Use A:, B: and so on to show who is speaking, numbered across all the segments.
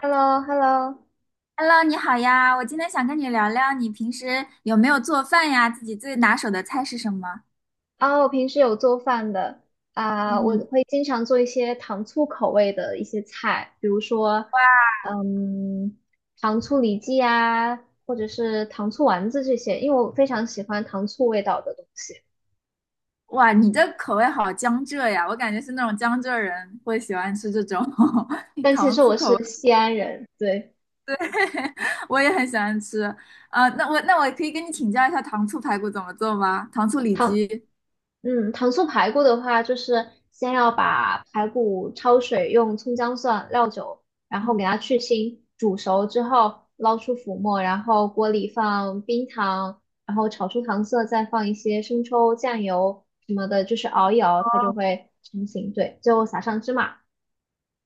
A: h e l l o h e l l o
B: Hello，你好呀，我今天想跟你聊聊，你平时有没有做饭呀？自己最拿手的菜是什么？
A: 啊，我平时有做饭的。啊，我
B: 嗯，
A: 会经常做一些糖醋口味的一些菜，比如说，嗯，糖醋里脊啊，或者是糖醋丸子这些，因为我非常喜欢糖醋味道的东西。
B: 哇，你这口味好江浙呀，我感觉是那种江浙人会喜欢吃这种
A: 但其
B: 糖
A: 实我
B: 醋口味，
A: 是西安人，对，
B: 我也很喜欢吃。啊、那我可以跟你请教一下糖醋排骨怎么做吗？糖醋里
A: 糖
B: 脊。
A: 糖醋排骨的话，就是先要把排骨焯水，用葱姜蒜、料酒，然后给它去腥，煮熟之后捞出浮沫，然后锅里放冰糖，然后炒出糖色，再放一些生抽、酱油什么的，就是熬一熬，它就会成型。对，最后撒上芝麻，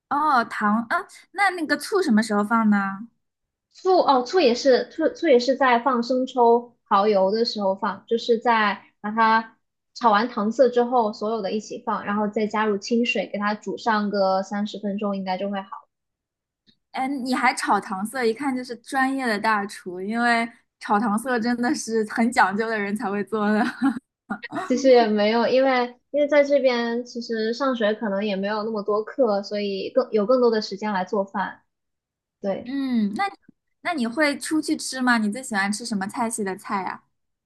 B: 哦，糖，啊，那个醋什么时候放呢？
A: 醋也是在放生抽、蚝油的时候放，就是在把它炒完糖色之后，所有的一起放，然后再加入清水，给它煮上个30分钟，应该就会好。
B: 哎，你还炒糖色，一看就是专业的大厨，因为炒糖色真的是很讲究的人才会做的。
A: 其实也没有，因为在这边其实上学可能也没有那么多课，所以更有更多的时间来做饭。对。
B: 嗯，那你会出去吃吗？你最喜欢吃什么菜系的菜呀？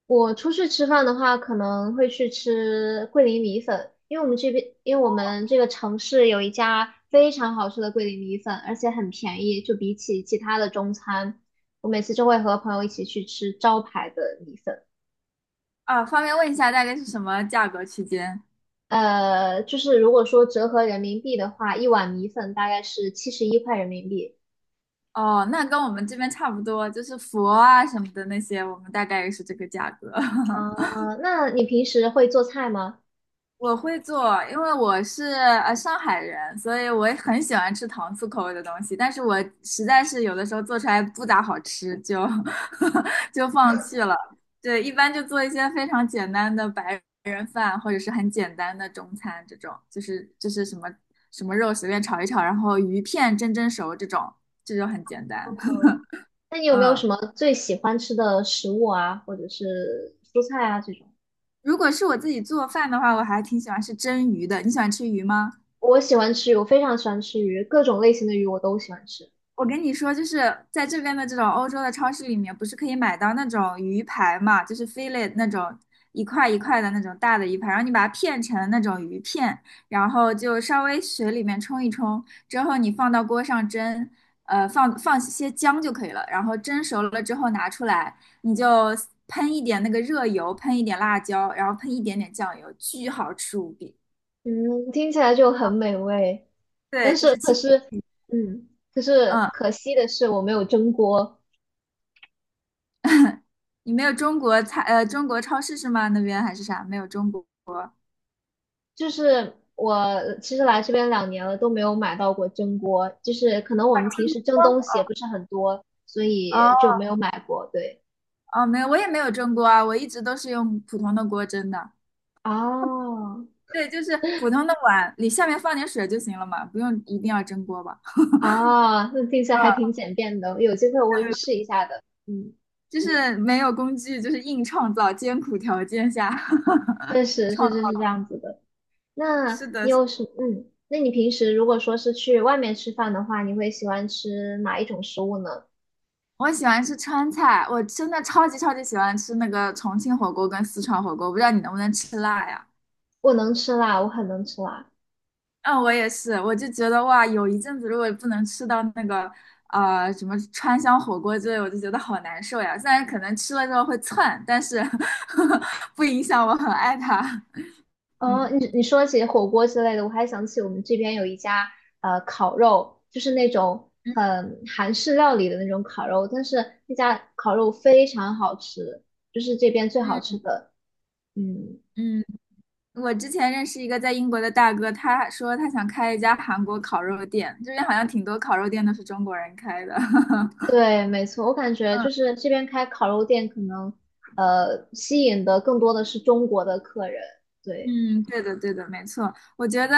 A: 我出去吃饭的话，可能会去吃桂林米粉，因为我们这边，因为我们这个城市有一家非常好吃的桂林米粉，而且很便宜，就比起其他的中餐，我每次就会和朋友一起去吃招牌的米粉。
B: 啊，方便问一下大概是什么价格区间？
A: 就是如果说折合人民币的话，一碗米粉大概是71块人民币。
B: 哦，那跟我们这边差不多，就是佛啊什么的那些，我们大概也是这个价格。
A: 啊，那你平时会做菜吗？
B: 我会做，因为我是上海人，所以我也很喜欢吃糖醋口味的东西。但是我实在是有的时候做出来不咋好吃，就 就放弃了。对，一般就做一些非常简单的白人饭，或者是很简单的中餐这种，就是什么肉随便炒一炒，然后鱼片蒸熟这种，这就很简单。
A: 嗯，那你 有没有
B: 嗯，
A: 什么最喜欢吃的食物啊，或者是蔬菜啊这种？
B: 如果是我自己做饭的话，我还挺喜欢吃蒸鱼的。你喜欢吃鱼吗？
A: 我喜欢吃鱼，我非常喜欢吃鱼，各种类型的鱼我都喜欢吃。
B: 我跟你说，就是在这边的这种欧洲的超市里面，不是可以买到那种鱼排嘛，就是 fillet 那种一块一块的那种大的鱼排，然后你把它片成那种鱼片，然后就稍微水里面冲一冲，之后你放到锅上蒸，放些姜就可以了，然后蒸熟了之后拿出来，你就喷一点那个热油，喷一点辣椒，然后喷一点点酱油，巨好吃无比。
A: 嗯，听起来就很美味，但
B: 对，就
A: 是
B: 是
A: 可
B: 清。
A: 是，嗯，可是
B: 嗯
A: 可惜的是我没有蒸锅，
B: 你没有中国菜，中国超市是吗？那边还是啥？没有中国。
A: 就是我其实来这边两年了都没有买到过蒸锅，就是可能我们平时蒸东西也不是很多，所
B: 哦
A: 以就没有买过。对，
B: 哦，没有，我也没有蒸锅啊，我一直都是用普通的锅蒸的。
A: 啊
B: 对，就是普通的碗，里下面放点水就行了嘛，不用一定要蒸锅吧？
A: 啊，那听起来还
B: 啊，
A: 挺简便的，有机会我会
B: 对，
A: 试一下的。嗯，
B: 就是没有工具，就是硬创造，艰苦条件下
A: 确 实，
B: 创
A: 确
B: 造。
A: 实是这样子的。那
B: 是的，
A: 你有什嗯？那你平时如果说是去外面吃饭的话，你会喜欢吃哪一种食物呢？
B: 我喜欢吃川菜，我真的超级超级喜欢吃那个重庆火锅跟四川火锅，不知道你能不能吃辣呀？
A: 我能吃辣，我很能吃辣。
B: 嗯，我也是，我就觉得哇，有一阵子如果不能吃到那个什么川香火锅之类，我就觉得好难受呀。虽然可能吃了之后会窜，但是 不影响我很爱它。
A: 哦，
B: 嗯
A: 你说起火锅之类的，我还想起我们这边有一家烤肉，就是那种
B: 嗯
A: 很韩式料理的那种烤肉，但是那家烤肉非常好吃，就是这边最好吃的。嗯，
B: 嗯，嗯，我之前认识一个在英国的大哥，他说他想开一家韩国烤肉店，这边好像挺多烤肉店都是中国人开的。嗯。
A: 对，没错，我感觉就是这边开烤肉店可能吸引的更多的是中国的客人，对。
B: 嗯，对的，对的，没错。我觉得，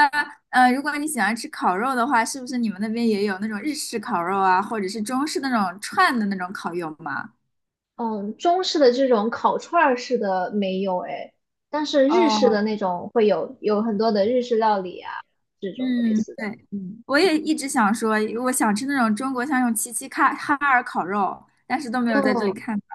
B: 如果你喜欢吃烤肉的话，是不是你们那边也有那种日式烤肉啊，或者是中式那种串的那种烤肉吗？
A: 嗯，中式的这种烤串儿式的没有哎，但是日式的
B: 哦，
A: 那种会有，有很多的日式料理啊，这种类
B: 嗯，
A: 似的。
B: 对，
A: 嗯，
B: 我也一直想说，我想吃那种中国像那种齐齐哈尔烤肉，但是都没有在这里
A: 嗯，
B: 看到。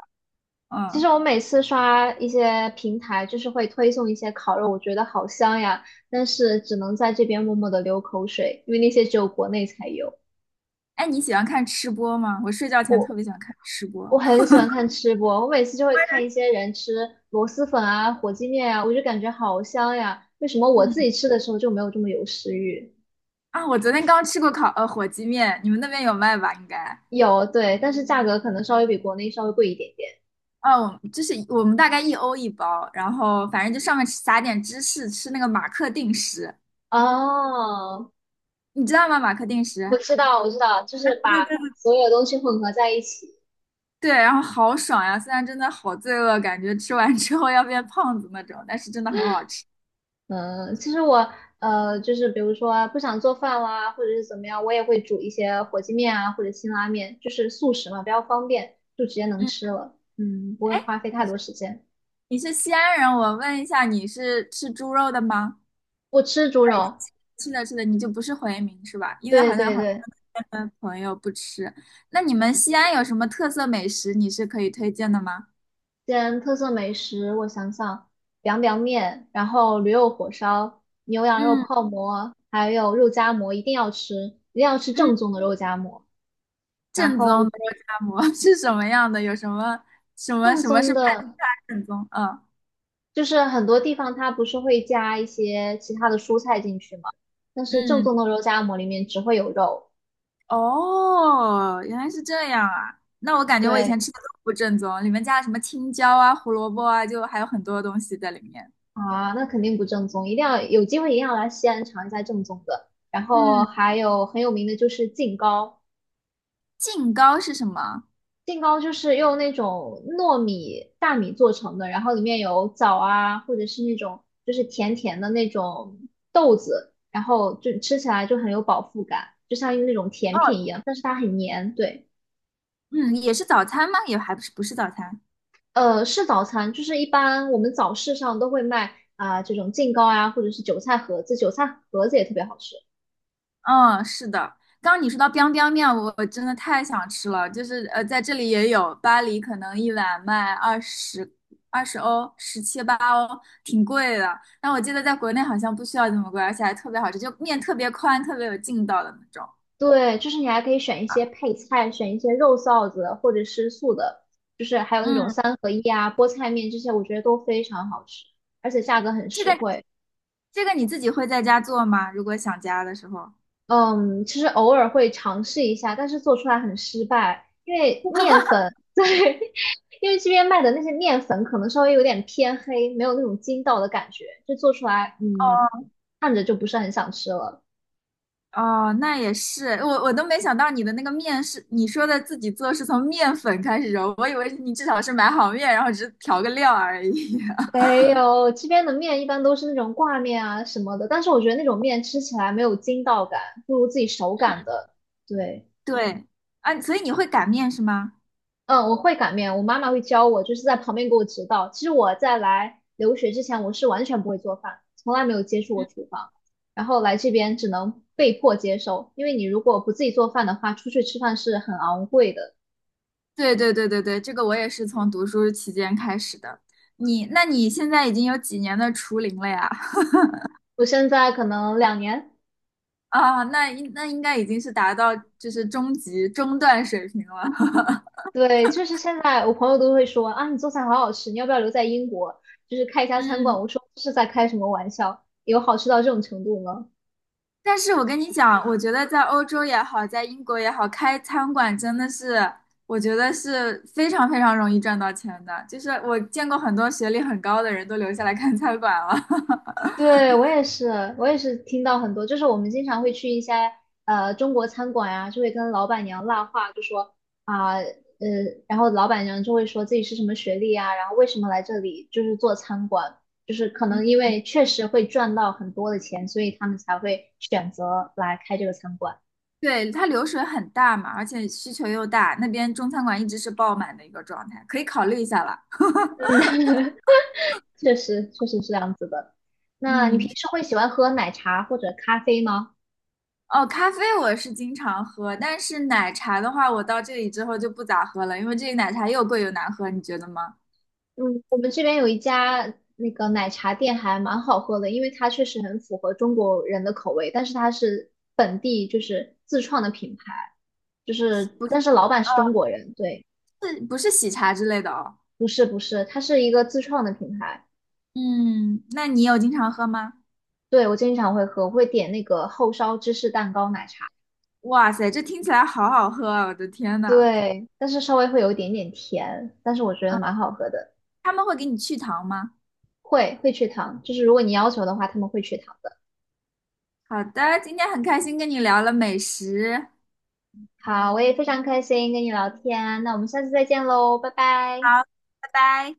A: 其
B: 嗯，
A: 实我每次刷一些平台，就是会推送一些烤肉，我觉得好香呀，但是只能在这边默默的流口水，因为那些只有国内才有。
B: 哎，你喜欢看吃播吗？我睡觉前
A: 我
B: 特别喜欢看吃播。
A: 我很喜欢看吃播，我每次就会看一些人吃螺蛳粉啊、火鸡面啊，我就感觉好香呀，为什么我自
B: 嗯，
A: 己吃的时候就没有这么有食欲？
B: 啊，我昨天刚吃过烤，火鸡面，你们那边有卖吧？应该。
A: 有，对，但是价格可能稍微比国内稍微贵一点点。
B: 哦，就是我们大概一欧一包，然后反正就上面撒点芝士，吃那个马克定食，
A: 哦，
B: 你知道吗？马克定
A: 我
B: 食，
A: 知道，我知道，就是把所有东西混合在一起。
B: 对，然后好爽呀！虽然真的好罪恶，感觉吃完之后要变胖子那种，但是真的很好吃。
A: 嗯，其实我就是比如说不想做饭啦，或者是怎么样，我也会煮一些火鸡面啊，或者辛拉面，就是速食嘛，比较方便，就直接能
B: 嗯，
A: 吃了。嗯，不会
B: 哎，
A: 花费太多时间。
B: 你是西安人，我问一下，你是吃猪肉的吗？
A: 我吃猪肉，
B: 是的，是的，你就不是回民是吧？因为
A: 对
B: 好像
A: 对
B: 很
A: 对，
B: 多的朋友不吃。那你们西安有什么特色美食，你是可以推荐的吗？
A: 西安特色美食，我想想，凉凉面，然后驴肉火烧、牛羊肉
B: 嗯
A: 泡馍，还有肉夹馍，一定要吃，一定要吃
B: 嗯，
A: 正宗的肉夹馍。然
B: 正
A: 后
B: 宗的肉夹馍 是什么样的？有什么什么
A: 正
B: 什么是
A: 宗
B: 判定
A: 的，
B: 它正宗？嗯
A: 就是很多地方它不是会加一些其他的蔬菜进去吗？但是正
B: 嗯，
A: 宗的肉夹馍里面只会有肉。
B: 哦，原来是这样啊！那我感觉我以
A: 对
B: 前吃的都不正宗，里面加了什么青椒啊、胡萝卜啊，就还有很多东西在里面。
A: 啊，那肯定不正宗，一定要有机会一定要来西安尝一下正宗的。然后
B: 嗯，
A: 还有很有名的就是晋糕，
B: 净糕是什么？
A: 杏糕就是用那种糯米大米做成的，然后里面有枣啊，或者是那种就是甜甜的那种豆子，然后就吃起来就很有饱腹感，就像用那种
B: 哦，
A: 甜品一样，但是它很黏。对，
B: 嗯，也是早餐吗？也还不是早餐。
A: 是早餐，就是一般我们早市上都会卖啊、这种杏糕啊，或者是韭菜盒子，韭菜盒子也特别好吃。
B: 嗯，是的。刚刚你说到 biang biang 面，我真的太想吃了。就是在这里也有，巴黎可能一碗卖20欧，十七八欧，挺贵的。但我记得在国内好像不需要这么贵，而且还特别好吃，就面特别宽，特别有劲道的那种。
A: 对，就是你还可以选一些配菜，选一些肉臊子或者是素的，就是还有那种
B: 嗯，
A: 三合一啊、菠菜面这些，我觉得都非常好吃，而且价格很
B: 这个
A: 实惠。
B: 这个你自己会在家做吗？如果想家的时候。
A: 嗯，其实偶尔会尝试一下，但是做出来很失败，因为面粉，对，因为这边卖的那些面粉可能稍微有点偏黑，没有那种筋道的感觉，就做出来，嗯，看着就不是很想吃了。
B: 哦，那也是，我都没想到你的那个面是你说的自己做，是从面粉开始揉，我以为你至少是买好面，然后只是调个料而已。
A: 没有，这边的面一般都是那种挂面啊什么的，但是我觉得那种面吃起来没有筋道感，不如自己手擀的。对，
B: 对啊，所以你会擀面是吗？
A: 嗯，我会擀面，我妈妈会教我，就是在旁边给我指导。其实我在来留学之前，我是完全不会做饭，从来没有接触过厨房，然后来这边只能被迫接受，因为你如果不自己做饭的话，出去吃饭是很昂贵的。
B: 对对对对对，这个我也是从读书期间开始的。你，那你现在已经有几年的厨龄了呀？
A: 我现在可能两年。
B: 啊，那应该已经是达到就是中级中段水平了。
A: 对，就是现在我朋友都会说啊，你做菜好好吃，你要不要留在英国，就是开一 家餐馆？
B: 嗯，
A: 我说这是在开什么玩笑？有好吃到这种程度吗？
B: 但是我跟你讲，我觉得在欧洲也好，在英国也好，开餐馆真的是，我觉得是非常非常容易赚到钱的。就是我见过很多学历很高的人都留下来开餐馆了。
A: 对，我也是，我也是听到很多，就是我们经常会去一些中国餐馆啊，就会跟老板娘拉话，就说啊呃，然后老板娘就会说自己是什么学历啊，然后为什么来这里就是做餐馆，就是可能因为确实会赚到很多的钱，所以他们才会选择来开这个餐馆。
B: 对，它流水很大嘛，而且需求又大，那边中餐馆一直是爆满的一个状态，可以考虑一下了。
A: 确实确实是这样子的。那你平
B: 嗯，
A: 时会喜欢喝奶茶或者咖啡吗？
B: 哦，咖啡我是经常喝，但是奶茶的话，我到这里之后就不咋喝了，因为这里奶茶又贵又难喝，你觉得吗？
A: 嗯，我们这边有一家那个奶茶店还蛮好喝的，因为它确实很符合中国人的口味，但是它是本地就是自创的品牌，就是
B: 不
A: 但是老板是中国人，对，
B: 是，不是喜茶之类的哦。
A: 不是不是，它是一个自创的品牌。
B: 嗯，那你有经常喝吗？
A: 对，我经常会喝，我会点那个厚烧芝士蛋糕奶茶，
B: 哇塞，这听起来好好喝啊，我的天呐。
A: 对，但是稍微会有一点点甜，但是我觉得
B: 嗯，
A: 蛮好喝的。
B: 他们会给你去糖吗？
A: 会会去糖，就是如果你要求的话，他们会去糖的。
B: 好的，今天很开心跟你聊了美食，
A: 好，我也非常开心跟你聊天，那我们下次再见喽，拜拜。
B: 好，拜拜。